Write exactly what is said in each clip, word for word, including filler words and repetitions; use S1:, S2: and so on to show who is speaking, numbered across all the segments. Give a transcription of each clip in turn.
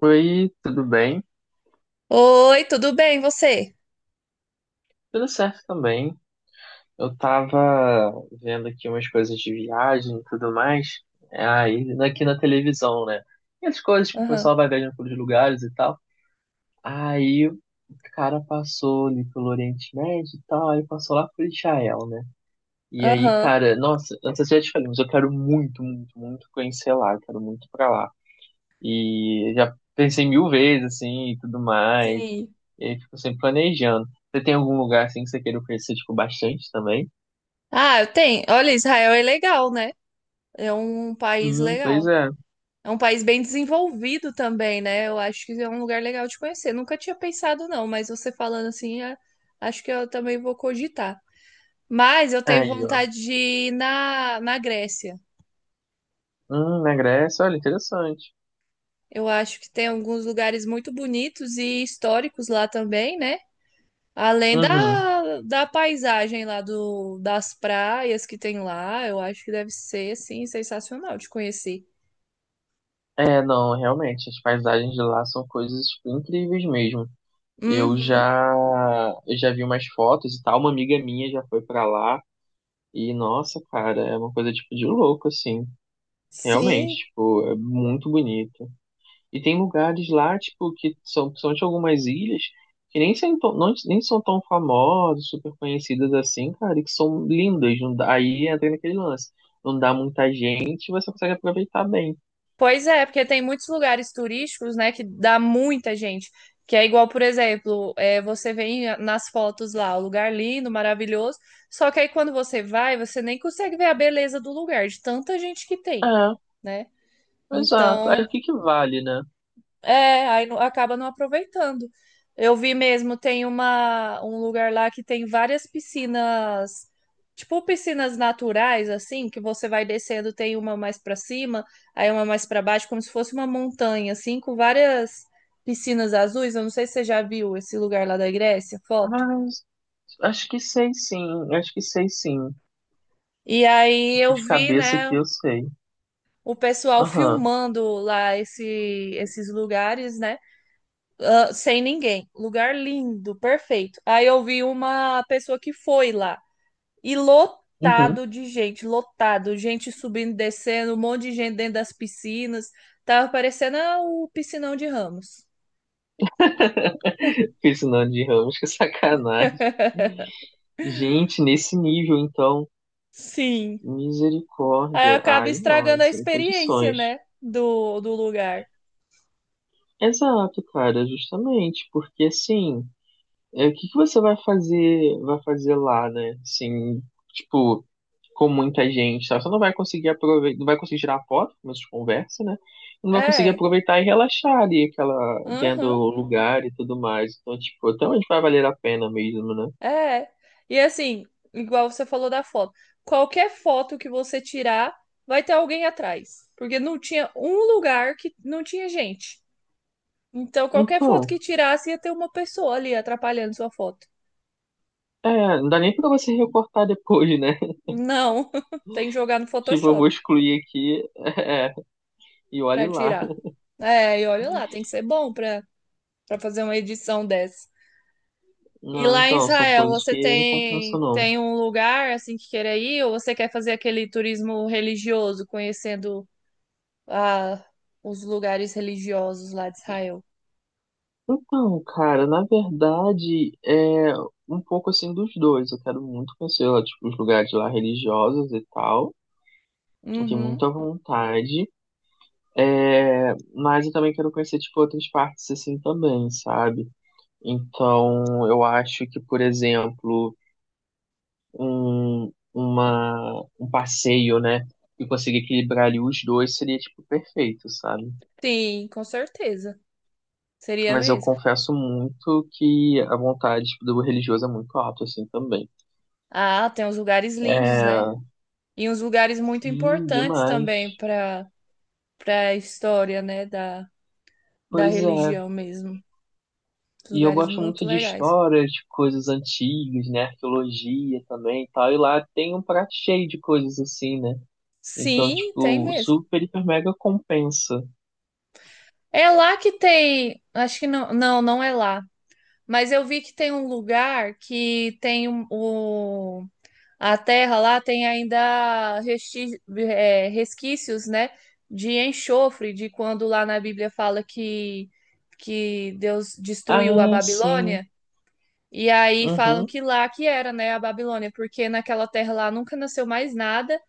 S1: Oi, tudo bem?
S2: Oi, tudo bem, você?
S1: Tudo certo também. Eu tava vendo aqui umas coisas de viagem e tudo mais, é, aí aqui na televisão, né? E as coisas que o
S2: Aham,
S1: pessoal vai viajando pelos lugares e tal. Aí o Cara passou ali pelo Oriente Médio e tal, aí passou lá por Israel, né? E aí,
S2: aham.
S1: cara, nossa, antes eu já te falei, mas eu quero muito, muito, muito conhecer lá, eu quero muito pra lá. E já pensei mil vezes, assim, e tudo mais.
S2: Sim.
S1: E aí fico sempre planejando. Você tem algum lugar, assim, que você queira conhecer, tipo, bastante também?
S2: Ah, eu tenho. Olha, Israel é legal, né? É um país
S1: Sim, pois
S2: legal.
S1: é.
S2: É um país bem desenvolvido também, né? Eu acho que é um lugar legal de conhecer. Nunca tinha pensado, não, mas você falando assim, é- acho que eu também vou cogitar. Mas eu tenho
S1: Aí, ó.
S2: vontade de ir na, na Grécia.
S1: Hum, na Grécia, olha, interessante.
S2: Eu acho que tem alguns lugares muito bonitos e históricos lá também, né? Além
S1: Uhum.
S2: da, da paisagem lá do, das praias que tem lá, eu acho que deve ser, assim, sensacional de conhecer.
S1: É, não, realmente, as paisagens de lá são coisas, tipo, incríveis mesmo. Eu
S2: Uhum.
S1: já, eu já vi umas fotos e tal, uma amiga minha já foi pra lá. E, nossa, cara, é uma coisa, tipo, de louco, assim. Realmente,
S2: Sim.
S1: tipo, é muito bonito. E tem lugares lá, tipo, que são, são de algumas ilhas, que nem são, tão- não- nem são tão famosas, super conhecidas assim, cara, e que são lindas. Não dá, aí entra naquele lance. Não dá muita gente, você consegue aproveitar bem.
S2: Pois é, porque tem muitos lugares turísticos, né, que dá muita gente. Que é igual, por exemplo, é, você vê em- nas fotos lá, o lugar lindo, maravilhoso. Só que aí quando você vai, você nem consegue ver a beleza do lugar, de tanta gente que tem,
S1: É,
S2: né?
S1: exato. Aí
S2: Então.
S1: o que que vale, né?
S2: É, aí não- acaba não aproveitando. Eu vi mesmo, tem uma, um lugar lá que tem várias piscinas, tipo piscinas naturais, assim, que você vai descendo, tem uma mais pra cima, aí uma mais pra baixo, como se fosse uma montanha, assim, com várias piscinas azuis. Eu não sei se você já viu esse lugar lá da Grécia, foto.
S1: Mas acho que sei sim, acho que sei sim.
S2: E aí
S1: Acho que
S2: eu
S1: de
S2: vi,
S1: cabeça
S2: né,
S1: que eu sei.
S2: o pessoal
S1: Aham.
S2: filmando lá esse, esses lugares, né? Ah, sem ninguém. Lugar lindo, perfeito. Aí eu vi uma pessoa que foi lá e
S1: Uhum.
S2: lotado de gente, lotado, gente subindo, e descendo, um monte de gente dentro das piscinas. Tava parecendo, ah, o piscinão de Ramos.
S1: Fiz o nome de Ramos, que sacanagem. Gente, nesse nível, então.
S2: Sim. Aí
S1: Misericórdia.
S2: acaba
S1: Ai, não,
S2: estragando
S1: aí
S2: a
S1: sem
S2: experiência,
S1: condições.
S2: né? Do, do lugar.
S1: Exato, cara, justamente, porque assim, é, o que que você vai fazer, vai fazer lá, né? Assim, tipo, com muita gente, sabe? Você não vai conseguir aproveitar, não vai conseguir tirar foto, como a gente conversa, né? Não vai conseguir
S2: É.
S1: aproveitar e relaxar ali, aquela, vendo
S2: Aham.
S1: o lugar e tudo mais. Então, tipo, até onde vai valer a pena mesmo, né?
S2: É. E assim, igual você falou da foto. Qualquer foto que você tirar, vai ter alguém atrás. Porque não tinha um lugar que não tinha gente. Então, qualquer foto
S1: Então,
S2: que tirasse, ia ter uma pessoa ali atrapalhando sua foto.
S1: é, não dá nem pra você recortar depois, né?
S2: Não, tem que jogar no
S1: Tipo, eu vou
S2: Photoshop
S1: excluir aqui, é, e olhe
S2: pra
S1: lá.
S2: tirar. É, e olha lá, tem que ser bom pra, pra fazer uma edição dessa. E
S1: Não,
S2: lá em
S1: então, são
S2: Israel,
S1: coisas que
S2: você
S1: eu não compensa,
S2: tem,
S1: não.
S2: tem um lugar assim que queira ir, ou você quer fazer aquele turismo religioso, conhecendo a, os lugares religiosos lá de Israel.
S1: Então, cara, na verdade, é um pouco assim dos dois. Eu quero muito conhecer lá, tipo, os lugares lá religiosos e tal. Eu tenho
S2: Uhum.
S1: muita vontade. É, mas eu também quero conhecer, tipo, outras partes assim também, sabe? Então, eu acho que, por exemplo, um, uma, um passeio, né? E conseguir equilibrar ali os dois seria, tipo, perfeito, sabe?
S2: Sim, com certeza. Seria
S1: Mas eu
S2: mesmo.
S1: confesso muito que a vontade tipo, do religioso é muito alta, assim, também.
S2: Ah, tem uns lugares lindos, né?
S1: É,
S2: E uns lugares muito
S1: sim,
S2: importantes também
S1: demais.
S2: para para a história, né, da, da
S1: Pois é.
S2: religião mesmo. Uns
S1: E eu
S2: lugares
S1: gosto
S2: muito
S1: muito de
S2: legais.
S1: história, de coisas antigas, né? Arqueologia também e tal. E lá tem um prato cheio de coisas assim, né? Então,
S2: Sim, tem
S1: tipo,
S2: mesmo.
S1: super, hiper, mega compensa.
S2: É lá que tem, acho que não, não, não é lá. Mas eu vi que tem um lugar que tem um- o a terra lá tem ainda resti- eh, resquícios, né, de enxofre, de quando lá na Bíblia fala que, que Deus destruiu a
S1: Ah, sim.
S2: Babilônia, e aí falam
S1: Uhum.
S2: que lá que era, né, a Babilônia, porque naquela terra lá nunca nasceu mais nada,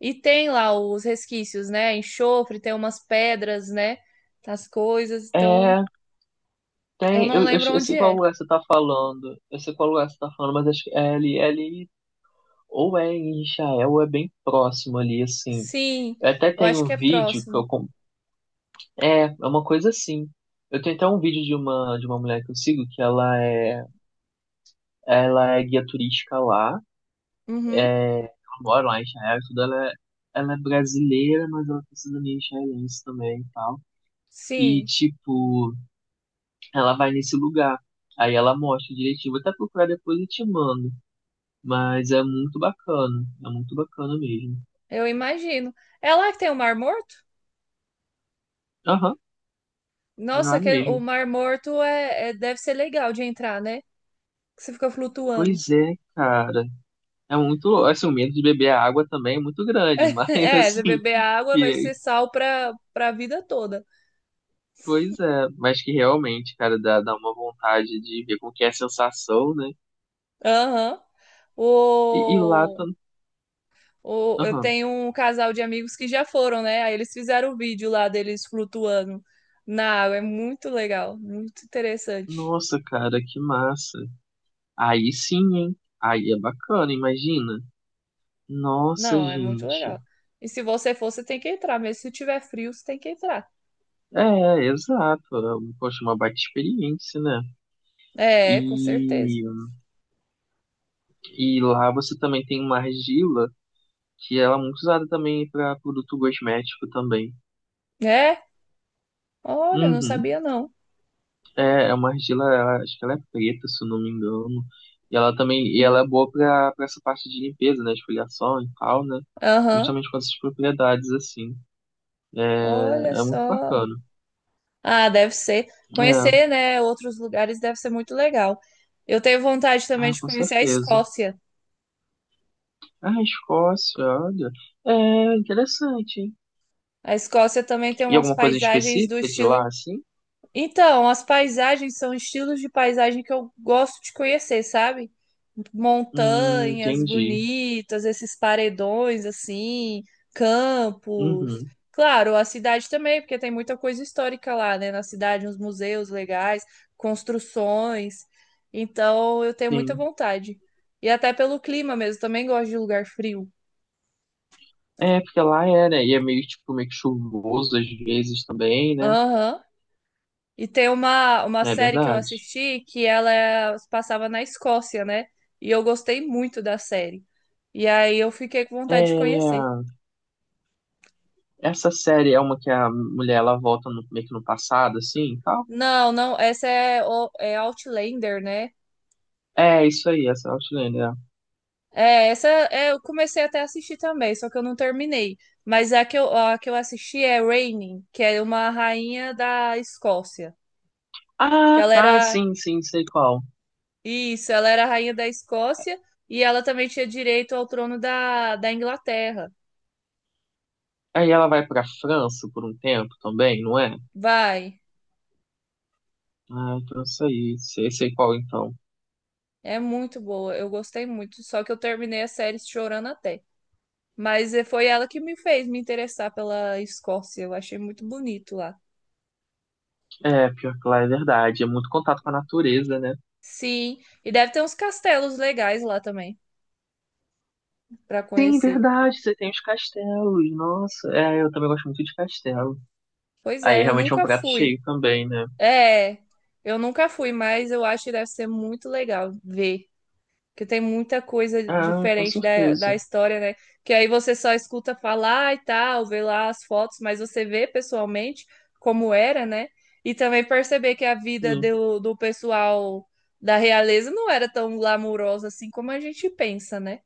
S2: e tem lá os resquícios, né, enxofre, tem umas pedras, né, as coisas, então
S1: É,
S2: eu
S1: tem.
S2: não
S1: Eu, eu,
S2: lembro
S1: eu
S2: onde
S1: sei qual
S2: é.
S1: lugar você tá falando. Eu sei qual lugar você tá falando, mas acho que é ali, é ali ou é em Israel, ou é bem próximo ali, assim.
S2: Sim,
S1: Eu até
S2: eu acho
S1: tenho
S2: que
S1: um
S2: é
S1: vídeo que eu.
S2: próximo.
S1: Com- É, é uma coisa assim. Eu tenho até um vídeo de uma, de uma mulher que eu sigo, que ela é, ela é guia turística lá,
S2: Uhum,
S1: é, ela mora lá em Israel, e tudo, ela é, ela é brasileira, mas ela tem cidadania israelense também e tal. E,
S2: sim,
S1: tipo, ela vai nesse lugar. Aí ela mostra direitinho. Vou até procurar depois e te mando. Mas é muito bacana. É muito bacana mesmo.
S2: eu imagino. É lá que tem o Mar Morto?
S1: Aham,
S2: Nossa,
S1: lá
S2: que é, o
S1: mesmo.
S2: Mar Morto é, é- deve ser legal de entrar, né? Que você fica flutuando.
S1: Pois é, cara. É muito, assim, o medo de beber a água também é muito grande, mas
S2: É, você
S1: assim,
S2: beber água vai
S1: que,
S2: ser sal pra, pra vida toda.
S1: pois é, mas que realmente, cara, dá, dá uma vontade de ver como que é a sensação, né?
S2: Aham.
S1: E, e lá
S2: O,
S1: tam-
S2: o, eu
S1: aham.
S2: tenho um casal de amigos que já foram, né? Aí eles fizeram o vídeo lá deles flutuando na água. É muito legal, muito interessante.
S1: Nossa, cara, que massa. Aí sim, hein? Aí é bacana, imagina. Nossa,
S2: Não, é muito
S1: gente.
S2: legal. E se você for, você tem que entrar. Mesmo se tiver frio, você tem que entrar.
S1: É, exato. Poxa, uma baita experiência, né?
S2: É, com certeza.
S1: E, e lá você também tem uma argila que ela é muito usada também para produto cosmético também.
S2: É? Olha, eu não
S1: Uhum.
S2: sabia não.
S1: É, é uma argila, ela- acho que ela é preta, se eu não me engano. E ela também, e ela é
S2: Hum.
S1: boa para essa parte de limpeza, né, esfoliação e tal, né?
S2: Aham.
S1: Justamente com essas propriedades assim. É,
S2: Olha
S1: é muito
S2: só.
S1: bacana.
S2: Ah, deve ser.
S1: É,
S2: Conhecer, né, outros lugares deve ser muito legal. Eu tenho vontade também
S1: ah,
S2: de
S1: com
S2: conhecer a
S1: certeza.
S2: Escócia.
S1: Ah, Escócia, olha. É interessante, hein?
S2: A Escócia também tem
S1: E
S2: umas
S1: alguma coisa
S2: paisagens do
S1: específica de lá,
S2: estilo.
S1: assim?
S2: Então, as paisagens são estilos de paisagem que eu gosto de conhecer, sabe?
S1: Hum,
S2: Montanhas
S1: entendi.
S2: bonitas, esses paredões assim, campos.
S1: Uhum,
S2: Claro, a cidade também, porque tem muita coisa histórica lá, né? Na cidade, uns museus legais, construções. Então, eu tenho muita
S1: sim.
S2: vontade. E até pelo clima mesmo, também gosto de lugar frio.
S1: É, porque lá é, né? E é meio, tipo, meio que chuvoso às vezes também, né?
S2: Aham. E tem uma, uma
S1: É
S2: série que eu
S1: verdade.
S2: assisti que ela é, passava na Escócia, né? E eu gostei muito da série. E aí eu fiquei com vontade de conhecer.
S1: É, essa série é uma que a mulher, ela volta no- meio que no passado, assim, e tal?
S2: Não, não, essa é, o- é Outlander, né?
S1: É, isso aí, essa é Outlander. É.
S2: É, essa é, eu comecei até a assistir também, só que eu não terminei. Mas a que eu, a que eu assisti é Reigning, que é uma rainha da Escócia. Que
S1: Ah,
S2: ela
S1: tá,
S2: era.
S1: sim, sim, sei qual.
S2: Isso, ela era a rainha da Escócia e ela também tinha direito ao trono da, da Inglaterra.
S1: Aí ela vai pra França por um tempo também, não é?
S2: Vai.
S1: Ah, então isso aí, sei, sei qual então.
S2: É muito boa, eu gostei muito. Só que eu terminei a série chorando até. Mas eh, foi ela que me fez me interessar pela Escócia. Eu achei muito bonito lá.
S1: É, pior que lá é verdade, é muito contato com a natureza, né?
S2: Sim, e deve ter uns castelos legais lá também para
S1: Sim,
S2: conhecer.
S1: verdade, você tem os castelos, nossa. É, eu também gosto muito de castelo.
S2: Pois
S1: Aí
S2: é, eu
S1: realmente é um
S2: nunca
S1: prato
S2: fui.
S1: cheio também, né?
S2: É, eu nunca fui, mas eu acho que deve ser muito legal ver. Que tem muita coisa
S1: Ah, com
S2: diferente da, da
S1: certeza.
S2: história, né? Que aí você só escuta falar e tal, vê lá as fotos, mas você vê pessoalmente como era, né? E também perceber que a vida
S1: Sim.
S2: do, do pessoal da realeza não era tão glamourosa assim como a gente pensa, né?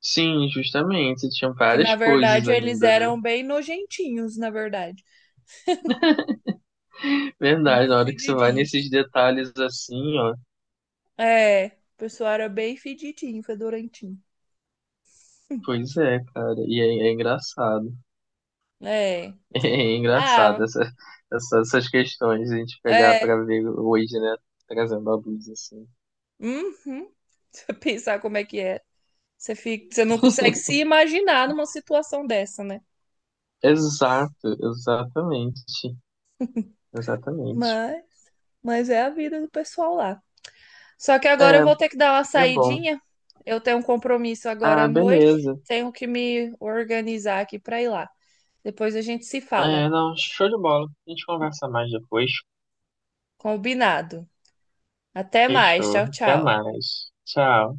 S1: Sim, justamente. Você tinha
S2: Que na
S1: várias coisas
S2: verdade eles
S1: ainda, né?
S2: eram bem nojentinhos, na verdade.
S1: Verdade,
S2: Bem
S1: na hora que você vai
S2: fedidinhos.
S1: nesses detalhes assim, ó.
S2: É, o pessoal era bem fedidinho, fedorentinho.
S1: Pois é, cara. E é, é engraçado.
S2: É.
S1: É engraçado
S2: Ah,
S1: essa, essa- essas questões a gente pegar pra
S2: é.
S1: ver hoje, né? Trazendo a luz assim.
S2: Uhum. Se eu pensar como é que é. Você fica, você não consegue se imaginar numa situação dessa, né?
S1: Exato, exatamente. Exatamente.
S2: Mas, mas é a vida do pessoal lá. Só que agora eu
S1: É,
S2: vou ter que dar uma
S1: é bom.
S2: saidinha. Eu tenho um compromisso agora
S1: Ah,
S2: à noite.
S1: beleza.
S2: Tenho que me organizar aqui para ir lá. Depois a gente se
S1: É,
S2: fala.
S1: não, show de bola. A gente conversa mais depois.
S2: Combinado. Até mais.
S1: Fechou.
S2: Tchau,
S1: Até
S2: tchau.
S1: mais. Tchau.